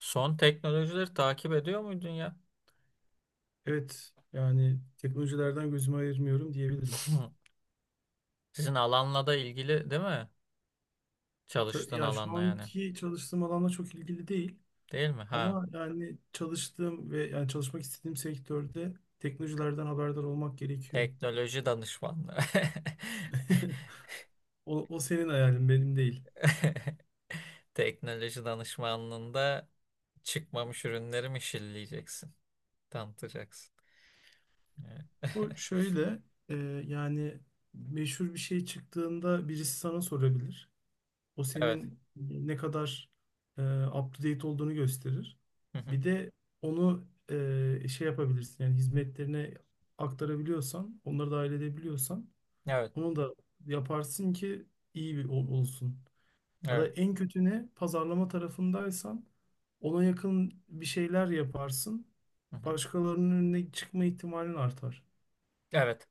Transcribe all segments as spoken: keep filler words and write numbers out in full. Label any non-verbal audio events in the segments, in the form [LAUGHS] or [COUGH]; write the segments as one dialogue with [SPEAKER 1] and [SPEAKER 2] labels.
[SPEAKER 1] Son teknolojileri takip ediyor muydun ya?
[SPEAKER 2] Evet, yani teknolojilerden gözümü ayırmıyorum diyebilirim.
[SPEAKER 1] [LAUGHS] Sizin alanla da ilgili değil mi?
[SPEAKER 2] Ta-
[SPEAKER 1] Çalıştığın
[SPEAKER 2] Ya şu
[SPEAKER 1] alanla yani.
[SPEAKER 2] anki çalıştığım alanla çok ilgili değil
[SPEAKER 1] Değil mi? Ha.
[SPEAKER 2] ama yani çalıştığım ve yani çalışmak istediğim sektörde teknolojilerden haberdar olmak gerekiyor.
[SPEAKER 1] Teknoloji danışmanlığı. [LAUGHS]
[SPEAKER 2] [LAUGHS] O, o senin hayalin, benim değil.
[SPEAKER 1] Teknoloji danışmanlığında çıkmamış ürünleri mi şilleyeceksin? Tanıtacaksın. Evet.
[SPEAKER 2] O
[SPEAKER 1] [LAUGHS]
[SPEAKER 2] şöyle, e, yani meşhur bir şey çıktığında birisi sana sorabilir. O
[SPEAKER 1] Evet.
[SPEAKER 2] senin ne kadar e, up to date olduğunu gösterir.
[SPEAKER 1] Hı hı.
[SPEAKER 2] Bir de onu e, şey yapabilirsin yani hizmetlerine aktarabiliyorsan, onları dahil edebiliyorsan
[SPEAKER 1] Evet.
[SPEAKER 2] onu da yaparsın ki iyi bir ol- olsun. Ya da
[SPEAKER 1] Evet.
[SPEAKER 2] en kötü ne? Pazarlama tarafındaysan ona yakın bir şeyler yaparsın.
[SPEAKER 1] Hı hı.
[SPEAKER 2] Başkalarının önüne çıkma ihtimalin artar.
[SPEAKER 1] Evet.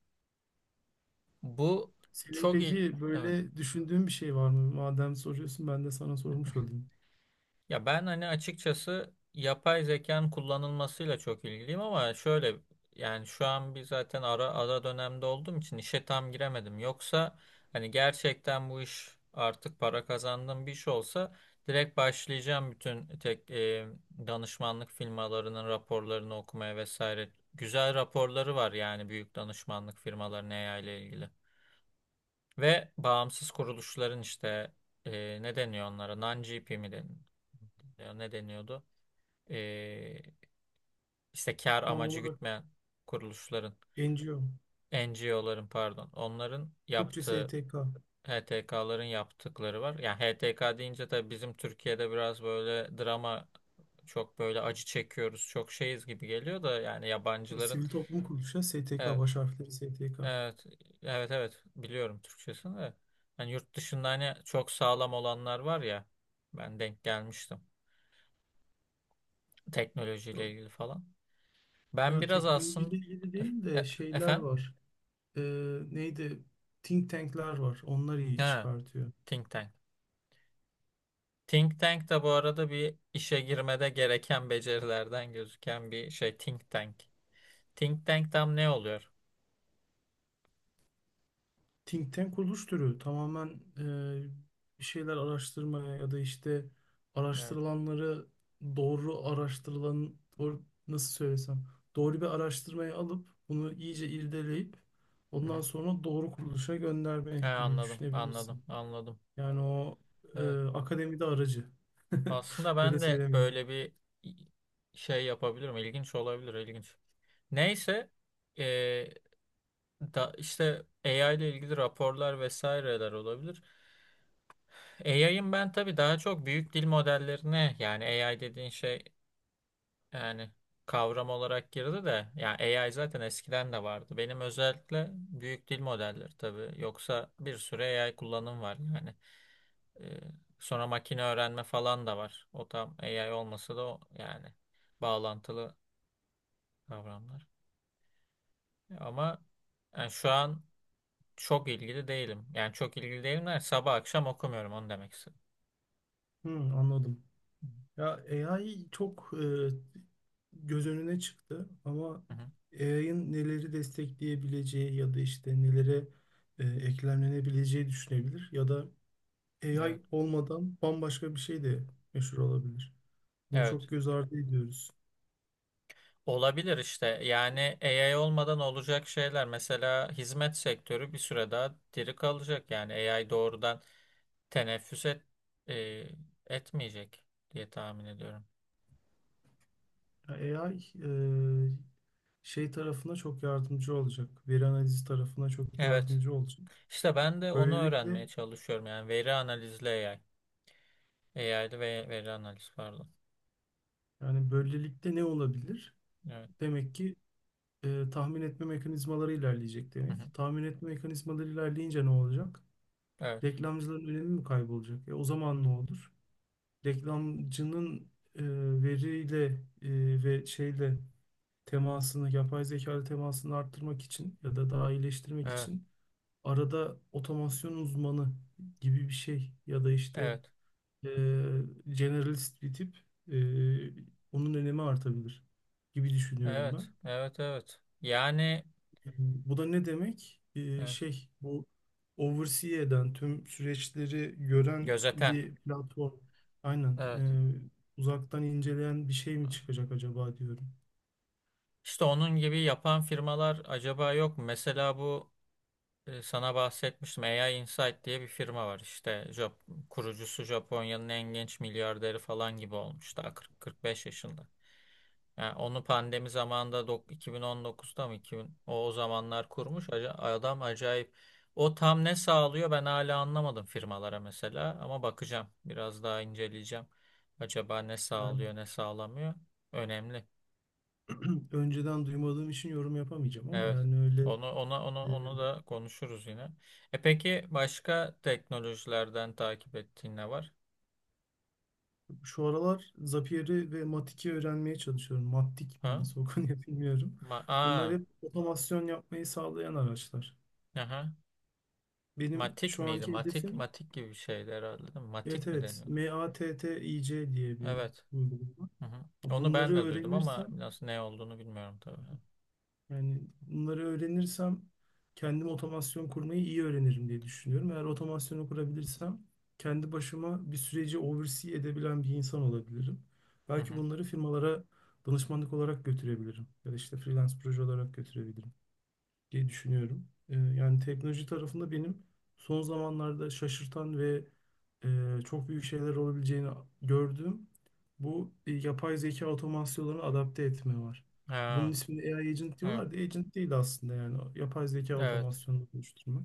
[SPEAKER 1] Bu
[SPEAKER 2] Senin
[SPEAKER 1] çok il...
[SPEAKER 2] peki
[SPEAKER 1] Evet.
[SPEAKER 2] böyle düşündüğün bir şey var mı? Madem soruyorsun ben de sana sormuş olayım.
[SPEAKER 1] Ya ben hani açıkçası yapay zekanın kullanılmasıyla çok ilgiliyim ama şöyle yani şu an bir zaten ara ara dönemde olduğum için işe tam giremedim. Yoksa hani gerçekten bu iş artık para kazandığım bir iş olsa direkt başlayacağım bütün tek e, danışmanlık firmalarının raporlarını okumaya vesaire. Güzel raporları var yani büyük danışmanlık firmalarının A I ile ilgili. Ve bağımsız kuruluşların işte e, ne deniyor onlara? Non-G P mi deniyor? Ne deniyordu? E, işte kar
[SPEAKER 2] Tam
[SPEAKER 1] amacı
[SPEAKER 2] olarak
[SPEAKER 1] gütmeyen kuruluşların,
[SPEAKER 2] N G O.
[SPEAKER 1] N G O'ların pardon, onların
[SPEAKER 2] Türkçe
[SPEAKER 1] yaptığı
[SPEAKER 2] S T K.
[SPEAKER 1] H T K'ların yaptıkları var. Yani H T K deyince tabii bizim Türkiye'de biraz böyle drama, çok böyle acı çekiyoruz, çok şeyiz gibi geliyor da yani
[SPEAKER 2] Bu
[SPEAKER 1] yabancıların
[SPEAKER 2] sivil toplum kuruluşu ya, S T K
[SPEAKER 1] evet,
[SPEAKER 2] baş harfleri S T K.
[SPEAKER 1] evet, evet, evet. Biliyorum Türkçesini de. Yani yurt dışında hani çok sağlam olanlar var ya. Ben denk gelmiştim. Teknolojiyle
[SPEAKER 2] Tamam.
[SPEAKER 1] ilgili falan. Ben
[SPEAKER 2] Ya
[SPEAKER 1] biraz aslında,
[SPEAKER 2] teknolojiyle ilgili değil
[SPEAKER 1] e-
[SPEAKER 2] de
[SPEAKER 1] e-
[SPEAKER 2] şeyler
[SPEAKER 1] efendim?
[SPEAKER 2] var. Ee, neydi? Think tank'ler var. Onlar iyi
[SPEAKER 1] Ha,
[SPEAKER 2] çıkartıyor.
[SPEAKER 1] Think Tank. Think Tank da bu arada bir işe girmede gereken becerilerden gözüken bir şey. Think Tank. Think Tank tam ne oluyor?
[SPEAKER 2] Think tank kuruluş türü tamamen e, bir şeyler araştırmaya ya da işte
[SPEAKER 1] Evet.
[SPEAKER 2] araştırılanları doğru araştırılan doğru, nasıl söylesem doğru bir araştırmayı alıp bunu iyice irdeleyip
[SPEAKER 1] Hı hı.
[SPEAKER 2] ondan sonra doğru kuruluşa
[SPEAKER 1] Ha,
[SPEAKER 2] göndermek gibi
[SPEAKER 1] anladım, anladım,
[SPEAKER 2] düşünebilirsin.
[SPEAKER 1] anladım.
[SPEAKER 2] Yani o e,
[SPEAKER 1] Evet.
[SPEAKER 2] akademide aracı. [LAUGHS]
[SPEAKER 1] Aslında
[SPEAKER 2] Böyle
[SPEAKER 1] ben de
[SPEAKER 2] söylemeyeyim.
[SPEAKER 1] böyle bir şey yapabilirim. İlginç olabilir, ilginç. Neyse eee, da işte A I ile ilgili raporlar vesaireler olabilir. A I'ın ben tabii daha çok büyük dil modellerine, yani A I dediğin şey yani kavram olarak girdi de yani A I zaten eskiden de vardı. Benim özellikle büyük dil modelleri tabii. Yoksa bir sürü A I kullanım var yani. Eee, Sonra makine öğrenme falan da var. O tam A I olmasa da o yani bağlantılı kavramlar. Ama yani şu an çok ilgili değilim. Yani çok ilgili değilim der. Sabah akşam okumuyorum onu demek istedim.
[SPEAKER 2] Hı, anladım. Ya A I çok e, göz önüne çıktı ama
[SPEAKER 1] Hı hı.
[SPEAKER 2] A I'ın neleri destekleyebileceği ya da işte nelere e, eklemlenebileceği düşünebilir ya da
[SPEAKER 1] Evet.
[SPEAKER 2] A I olmadan bambaşka bir şey
[SPEAKER 1] Hı hı.
[SPEAKER 2] de meşhur olabilir. Bunu
[SPEAKER 1] Evet.
[SPEAKER 2] çok göz ardı ediyoruz.
[SPEAKER 1] Olabilir işte. Yani A I olmadan olacak şeyler. Mesela hizmet sektörü bir süre daha diri kalacak. Yani A I doğrudan teneffüs et, e, etmeyecek diye tahmin ediyorum.
[SPEAKER 2] Ya A I e, şey tarafına çok yardımcı olacak. Veri analizi tarafına çok
[SPEAKER 1] Evet.
[SPEAKER 2] yardımcı olacak.
[SPEAKER 1] İşte ben de onu
[SPEAKER 2] Böylelikle
[SPEAKER 1] öğrenmeye çalışıyorum. Yani veri analizli A I. A I'lı ve veri analiz pardon.
[SPEAKER 2] Yani böylelikle ne olabilir?
[SPEAKER 1] Evet.
[SPEAKER 2] Demek ki e, tahmin etme mekanizmaları ilerleyecek
[SPEAKER 1] Hı
[SPEAKER 2] demek.
[SPEAKER 1] hı.
[SPEAKER 2] Tahmin etme mekanizmaları ilerleyince ne olacak?
[SPEAKER 1] Evet.
[SPEAKER 2] Reklamcıların önemi mi kaybolacak? E, o zaman ne olur? Reklamcının e, veriyle e, ve şeyle temasını, yapay zeka ile temasını arttırmak için ya da daha iyileştirmek
[SPEAKER 1] Evet.
[SPEAKER 2] için arada otomasyon uzmanı gibi bir şey ya da işte
[SPEAKER 1] Evet.
[SPEAKER 2] e, generalist bir tip e, onun önemi artabilir gibi düşünüyorum ben.
[SPEAKER 1] Evet, evet, evet. Yani
[SPEAKER 2] Yani bu da ne demek? E,
[SPEAKER 1] evet,
[SPEAKER 2] şey bu oversee eden tüm süreçleri gören
[SPEAKER 1] gözeten.
[SPEAKER 2] bir platform. Aynen. E,
[SPEAKER 1] Evet.
[SPEAKER 2] uzaktan inceleyen bir şey mi çıkacak acaba diyorum.
[SPEAKER 1] İşte onun gibi yapan firmalar acaba yok mu? Mesela bu e, sana bahsetmiştim. A I Insight diye bir firma var. İşte Jap kurucusu Japonya'nın en genç milyarderi falan gibi olmuştu. kırk kırk beş yaşında. Yani onu pandemi zamanında dok- iki bin on dokuzda mı iki bin o, o zamanlar kurmuş. Aca- adam acayip. O tam ne sağlıyor ben hala anlamadım firmalara mesela, ama bakacağım, biraz daha inceleyeceğim. Acaba ne
[SPEAKER 2] Yani
[SPEAKER 1] sağlıyor ne sağlamıyor? Önemli.
[SPEAKER 2] [CLEARS THROAT] önceden duymadığım için yorum yapamayacağım ama
[SPEAKER 1] Evet.
[SPEAKER 2] yani öyle.
[SPEAKER 1] Onu ona onu
[SPEAKER 2] e,
[SPEAKER 1] onu da konuşuruz yine. E peki başka teknolojilerden takip ettiğin ne var?
[SPEAKER 2] Şu aralar Zapier'i ve Matik'i öğrenmeye çalışıyorum. Matik mi
[SPEAKER 1] Ha?
[SPEAKER 2] nasıl okunuyor [LAUGHS] bilmiyorum.
[SPEAKER 1] Ma
[SPEAKER 2] Bunlar
[SPEAKER 1] Aa,
[SPEAKER 2] hep otomasyon yapmayı sağlayan araçlar.
[SPEAKER 1] aha.
[SPEAKER 2] Benim
[SPEAKER 1] Matik
[SPEAKER 2] şu
[SPEAKER 1] miydi?
[SPEAKER 2] anki
[SPEAKER 1] Matik,
[SPEAKER 2] hedefim,
[SPEAKER 1] matik gibi bir şeydi herhalde, değil mi?
[SPEAKER 2] evet,
[SPEAKER 1] Matik mi
[SPEAKER 2] evet,
[SPEAKER 1] deniyordu?
[SPEAKER 2] MATTIC diye bir
[SPEAKER 1] Evet.
[SPEAKER 2] uygulama.
[SPEAKER 1] Hı hı. Onu ben
[SPEAKER 2] Bunları
[SPEAKER 1] de duydum ama
[SPEAKER 2] öğrenirsem
[SPEAKER 1] nasıl, ne olduğunu bilmiyorum tabii.
[SPEAKER 2] Yani bunları öğrenirsem kendim otomasyon kurmayı iyi öğrenirim diye düşünüyorum. Eğer otomasyonu kurabilirsem kendi başıma bir süreci oversee edebilen bir insan olabilirim.
[SPEAKER 1] Hı
[SPEAKER 2] Belki
[SPEAKER 1] hı.
[SPEAKER 2] bunları firmalara danışmanlık olarak götürebilirim ya da işte freelance proje olarak götürebilirim diye düşünüyorum. Ee, yani teknoloji tarafında benim son zamanlarda şaşırtan ve e, çok büyük şeyler olabileceğini gördüğüm bu e, yapay zeka otomasyonlarını adapte etme var. Bunun
[SPEAKER 1] Ha,
[SPEAKER 2] ismini A I agent
[SPEAKER 1] evet.
[SPEAKER 2] diyorlar da agent değil aslında yani yapay zeka
[SPEAKER 1] Evet.
[SPEAKER 2] otomasyonunu oluşturmak.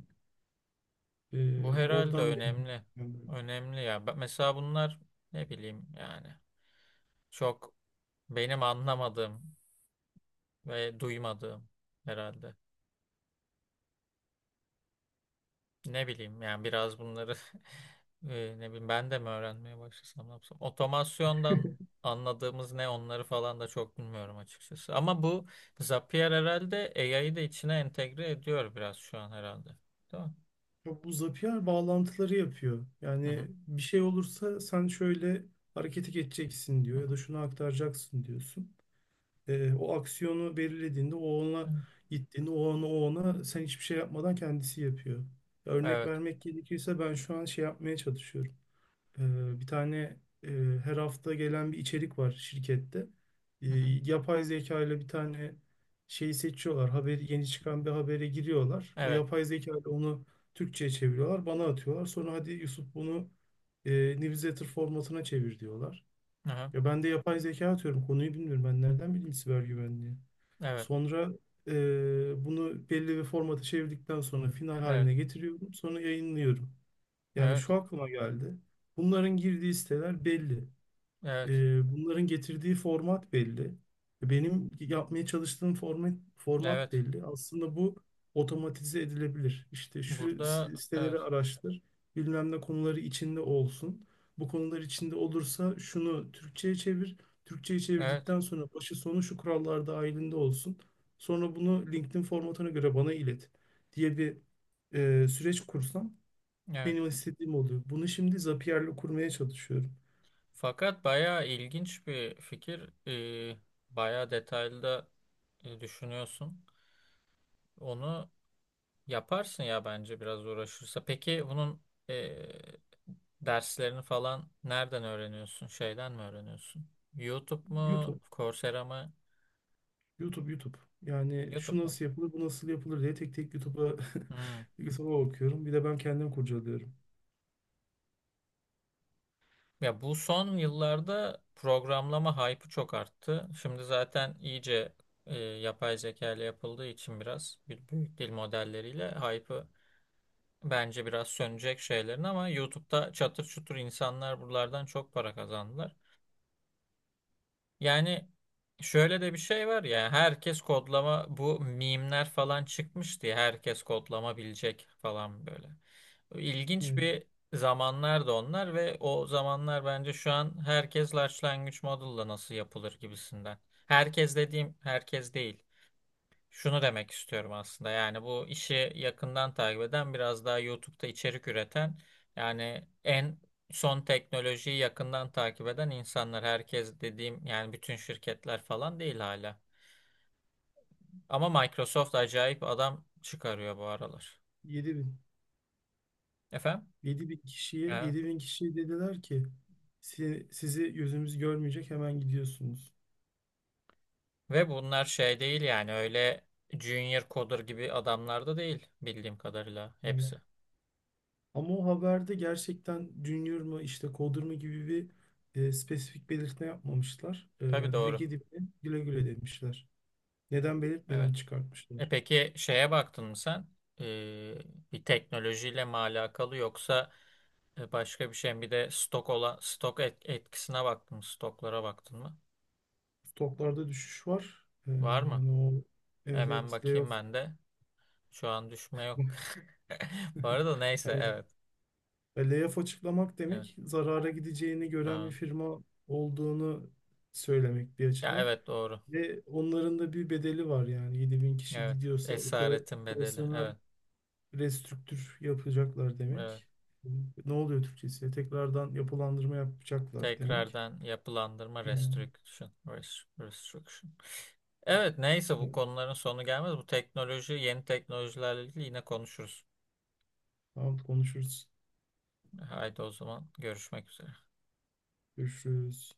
[SPEAKER 1] Bu
[SPEAKER 2] Ee,
[SPEAKER 1] herhalde
[SPEAKER 2] oradan benim
[SPEAKER 1] önemli.
[SPEAKER 2] yani
[SPEAKER 1] Önemli ya. Ben- Mesela bunlar ne bileyim yani, çok benim anlamadığım ve duymadığım herhalde. Ne bileyim yani, biraz bunları [LAUGHS] e, ne bileyim ben de mi öğrenmeye başlasam, ne yapsam. Otomasyondan anladığımız ne, onları falan da çok bilmiyorum açıkçası. Ama bu Zapier herhalde A I'yı da içine entegre ediyor biraz şu an herhalde. Değil mi?
[SPEAKER 2] ya bu Zapier bağlantıları yapıyor.
[SPEAKER 1] Hı hı,
[SPEAKER 2] Yani bir şey olursa sen şöyle harekete geçeceksin
[SPEAKER 1] hı
[SPEAKER 2] diyor
[SPEAKER 1] hı,
[SPEAKER 2] ya da şunu aktaracaksın diyorsun. E, o aksiyonu belirlediğinde, o ona
[SPEAKER 1] hı.
[SPEAKER 2] gittiğinde, o ona, o ona sen hiçbir şey yapmadan kendisi yapıyor. Örnek
[SPEAKER 1] Evet.
[SPEAKER 2] vermek gerekirse ben şu an şey yapmaya çalışıyorum. E, bir tane e, her hafta gelen bir içerik var şirkette. E,
[SPEAKER 1] Hı hı.
[SPEAKER 2] yapay zeka ile bir tane şeyi seçiyorlar. Haberi, yeni çıkan bir habere giriyorlar. O
[SPEAKER 1] Evet.
[SPEAKER 2] yapay zeka ile onu Türkçe'ye çeviriyorlar. Bana atıyorlar. Sonra hadi Yusuf bunu e, newsletter formatına çevir diyorlar.
[SPEAKER 1] Hı hı.
[SPEAKER 2] Ya ben de yapay zeka atıyorum. Konuyu bilmiyorum. Ben nereden bileyim siber güvenliği?
[SPEAKER 1] Evet.
[SPEAKER 2] Sonra eee, bunu belli bir formata çevirdikten sonra final
[SPEAKER 1] Evet.
[SPEAKER 2] haline getiriyorum. Sonra yayınlıyorum. Yani
[SPEAKER 1] Evet.
[SPEAKER 2] şu aklıma geldi. Bunların girdiği siteler belli.
[SPEAKER 1] Evet.
[SPEAKER 2] E, bunların getirdiği format belli. Benim yapmaya çalıştığım format, format
[SPEAKER 1] Evet.
[SPEAKER 2] belli. Aslında bu otomatize edilebilir. İşte şu
[SPEAKER 1] Burada evet.
[SPEAKER 2] siteleri araştır, bilmem ne konuları içinde olsun. Bu konular içinde olursa şunu Türkçe'ye çevir. Türkçe'ye
[SPEAKER 1] Evet.
[SPEAKER 2] çevirdikten sonra başı sonu şu kurallar dahilinde olsun. Sonra bunu LinkedIn formatına göre bana ilet diye bir e, süreç kursam
[SPEAKER 1] Evet.
[SPEAKER 2] benim istediğim oluyor. Bunu şimdi Zapier'le kurmaya çalışıyorum.
[SPEAKER 1] Fakat bayağı ilginç bir fikir. Ee, bayağı detaylı da e, düşünüyorsun. Onu yaparsın ya bence, biraz uğraşırsa. Peki bunun e, derslerini falan nereden öğreniyorsun? Şeyden mi öğreniyorsun? YouTube mu?
[SPEAKER 2] YouTube,
[SPEAKER 1] Coursera mı?
[SPEAKER 2] YouTube, YouTube. Yani
[SPEAKER 1] YouTube
[SPEAKER 2] şu
[SPEAKER 1] mu?
[SPEAKER 2] nasıl yapılır, bu nasıl yapılır diye tek tek YouTube'a
[SPEAKER 1] Hmm.
[SPEAKER 2] [LAUGHS] YouTube'a bakıyorum. Bir de ben kendim kurcalıyorum.
[SPEAKER 1] Ya bu son yıllarda programlama hype'ı çok arttı. Şimdi zaten iyice e, yapay zeka ile yapıldığı için biraz bir büyük dil modelleriyle hype'ı. Bence biraz sönecek şeylerin ama YouTube'da çatır çutur insanlar buralardan çok para kazandılar. Yani şöyle de bir şey var ya, herkes kodlama, bu mimler falan çıkmış diye herkes kodlama bilecek falan, böyle. İlginç
[SPEAKER 2] Evet.
[SPEAKER 1] bir zamanlardı onlar ve o zamanlar, bence şu an herkes large language model'la nasıl yapılır gibisinden. Herkes dediğim herkes değil. Şunu demek istiyorum aslında. Yani bu işi yakından takip eden, biraz daha YouTube'da içerik üreten, yani en son teknolojiyi yakından takip eden insanlar. Herkes dediğim yani bütün şirketler falan değil hala. Ama Microsoft acayip adam çıkarıyor bu aralar.
[SPEAKER 2] yedi bin
[SPEAKER 1] Efendim?
[SPEAKER 2] yedi bin kişiye
[SPEAKER 1] Evet.
[SPEAKER 2] yedi bin kişiye dediler ki: "Si- sizi gözümüz görmeyecek, hemen gidiyorsunuz."
[SPEAKER 1] Ve bunlar şey değil yani, öyle junior coder gibi adamlar da değil bildiğim kadarıyla
[SPEAKER 2] Evet.
[SPEAKER 1] hepsi.
[SPEAKER 2] Ama o haberde gerçekten Junior mu işte Coder mı gibi bir e, spesifik belirtme yapmamışlar. E,
[SPEAKER 1] Tabii
[SPEAKER 2] yani direkt
[SPEAKER 1] doğru.
[SPEAKER 2] yedi bin güle güle demişler. Neden
[SPEAKER 1] Evet.
[SPEAKER 2] belirtmeden
[SPEAKER 1] E
[SPEAKER 2] çıkartmışlar.
[SPEAKER 1] peki şeye baktın mı sen? Ee, Bir teknolojiyle mi alakalı, yoksa e, başka bir şey mi? Bir de stok olan, stok et- etkisine baktın mı? Stoklara baktın mı?
[SPEAKER 2] Stoklarda düşüş var. E,
[SPEAKER 1] Var mı?
[SPEAKER 2] yani o, evet,
[SPEAKER 1] Hemen
[SPEAKER 2] evet,
[SPEAKER 1] bakayım
[SPEAKER 2] layoff
[SPEAKER 1] ben de. Şu an düşme yok. [LAUGHS] Bu arada neyse,
[SPEAKER 2] yani.
[SPEAKER 1] evet.
[SPEAKER 2] E, layoff açıklamak
[SPEAKER 1] Evet.
[SPEAKER 2] demek zarara gideceğini gören bir
[SPEAKER 1] Ha.
[SPEAKER 2] firma olduğunu söylemek bir
[SPEAKER 1] Ya
[SPEAKER 2] açıdan.
[SPEAKER 1] evet, doğru.
[SPEAKER 2] Ve onların da bir bedeli var yani yedi bin kişi
[SPEAKER 1] Evet.
[SPEAKER 2] gidiyorsa opera,
[SPEAKER 1] Esaretin bedeli.
[SPEAKER 2] operasyonel
[SPEAKER 1] Evet.
[SPEAKER 2] restrüktür yapacaklar
[SPEAKER 1] Evet.
[SPEAKER 2] demek. Ne oluyor Türkçesi? Tekrardan yapılandırma yapacaklar demek.
[SPEAKER 1] Tekrardan yapılandırma,
[SPEAKER 2] Yani,
[SPEAKER 1] restriction. rest- Restriction. Evet neyse, bu
[SPEAKER 2] evet,
[SPEAKER 1] konuların sonu gelmez. Bu teknoloji, yeni teknolojilerle ilgili yine konuşuruz.
[SPEAKER 2] tamam, konuşuruz.
[SPEAKER 1] Haydi o zaman, görüşmek üzere.
[SPEAKER 2] Görüşürüz.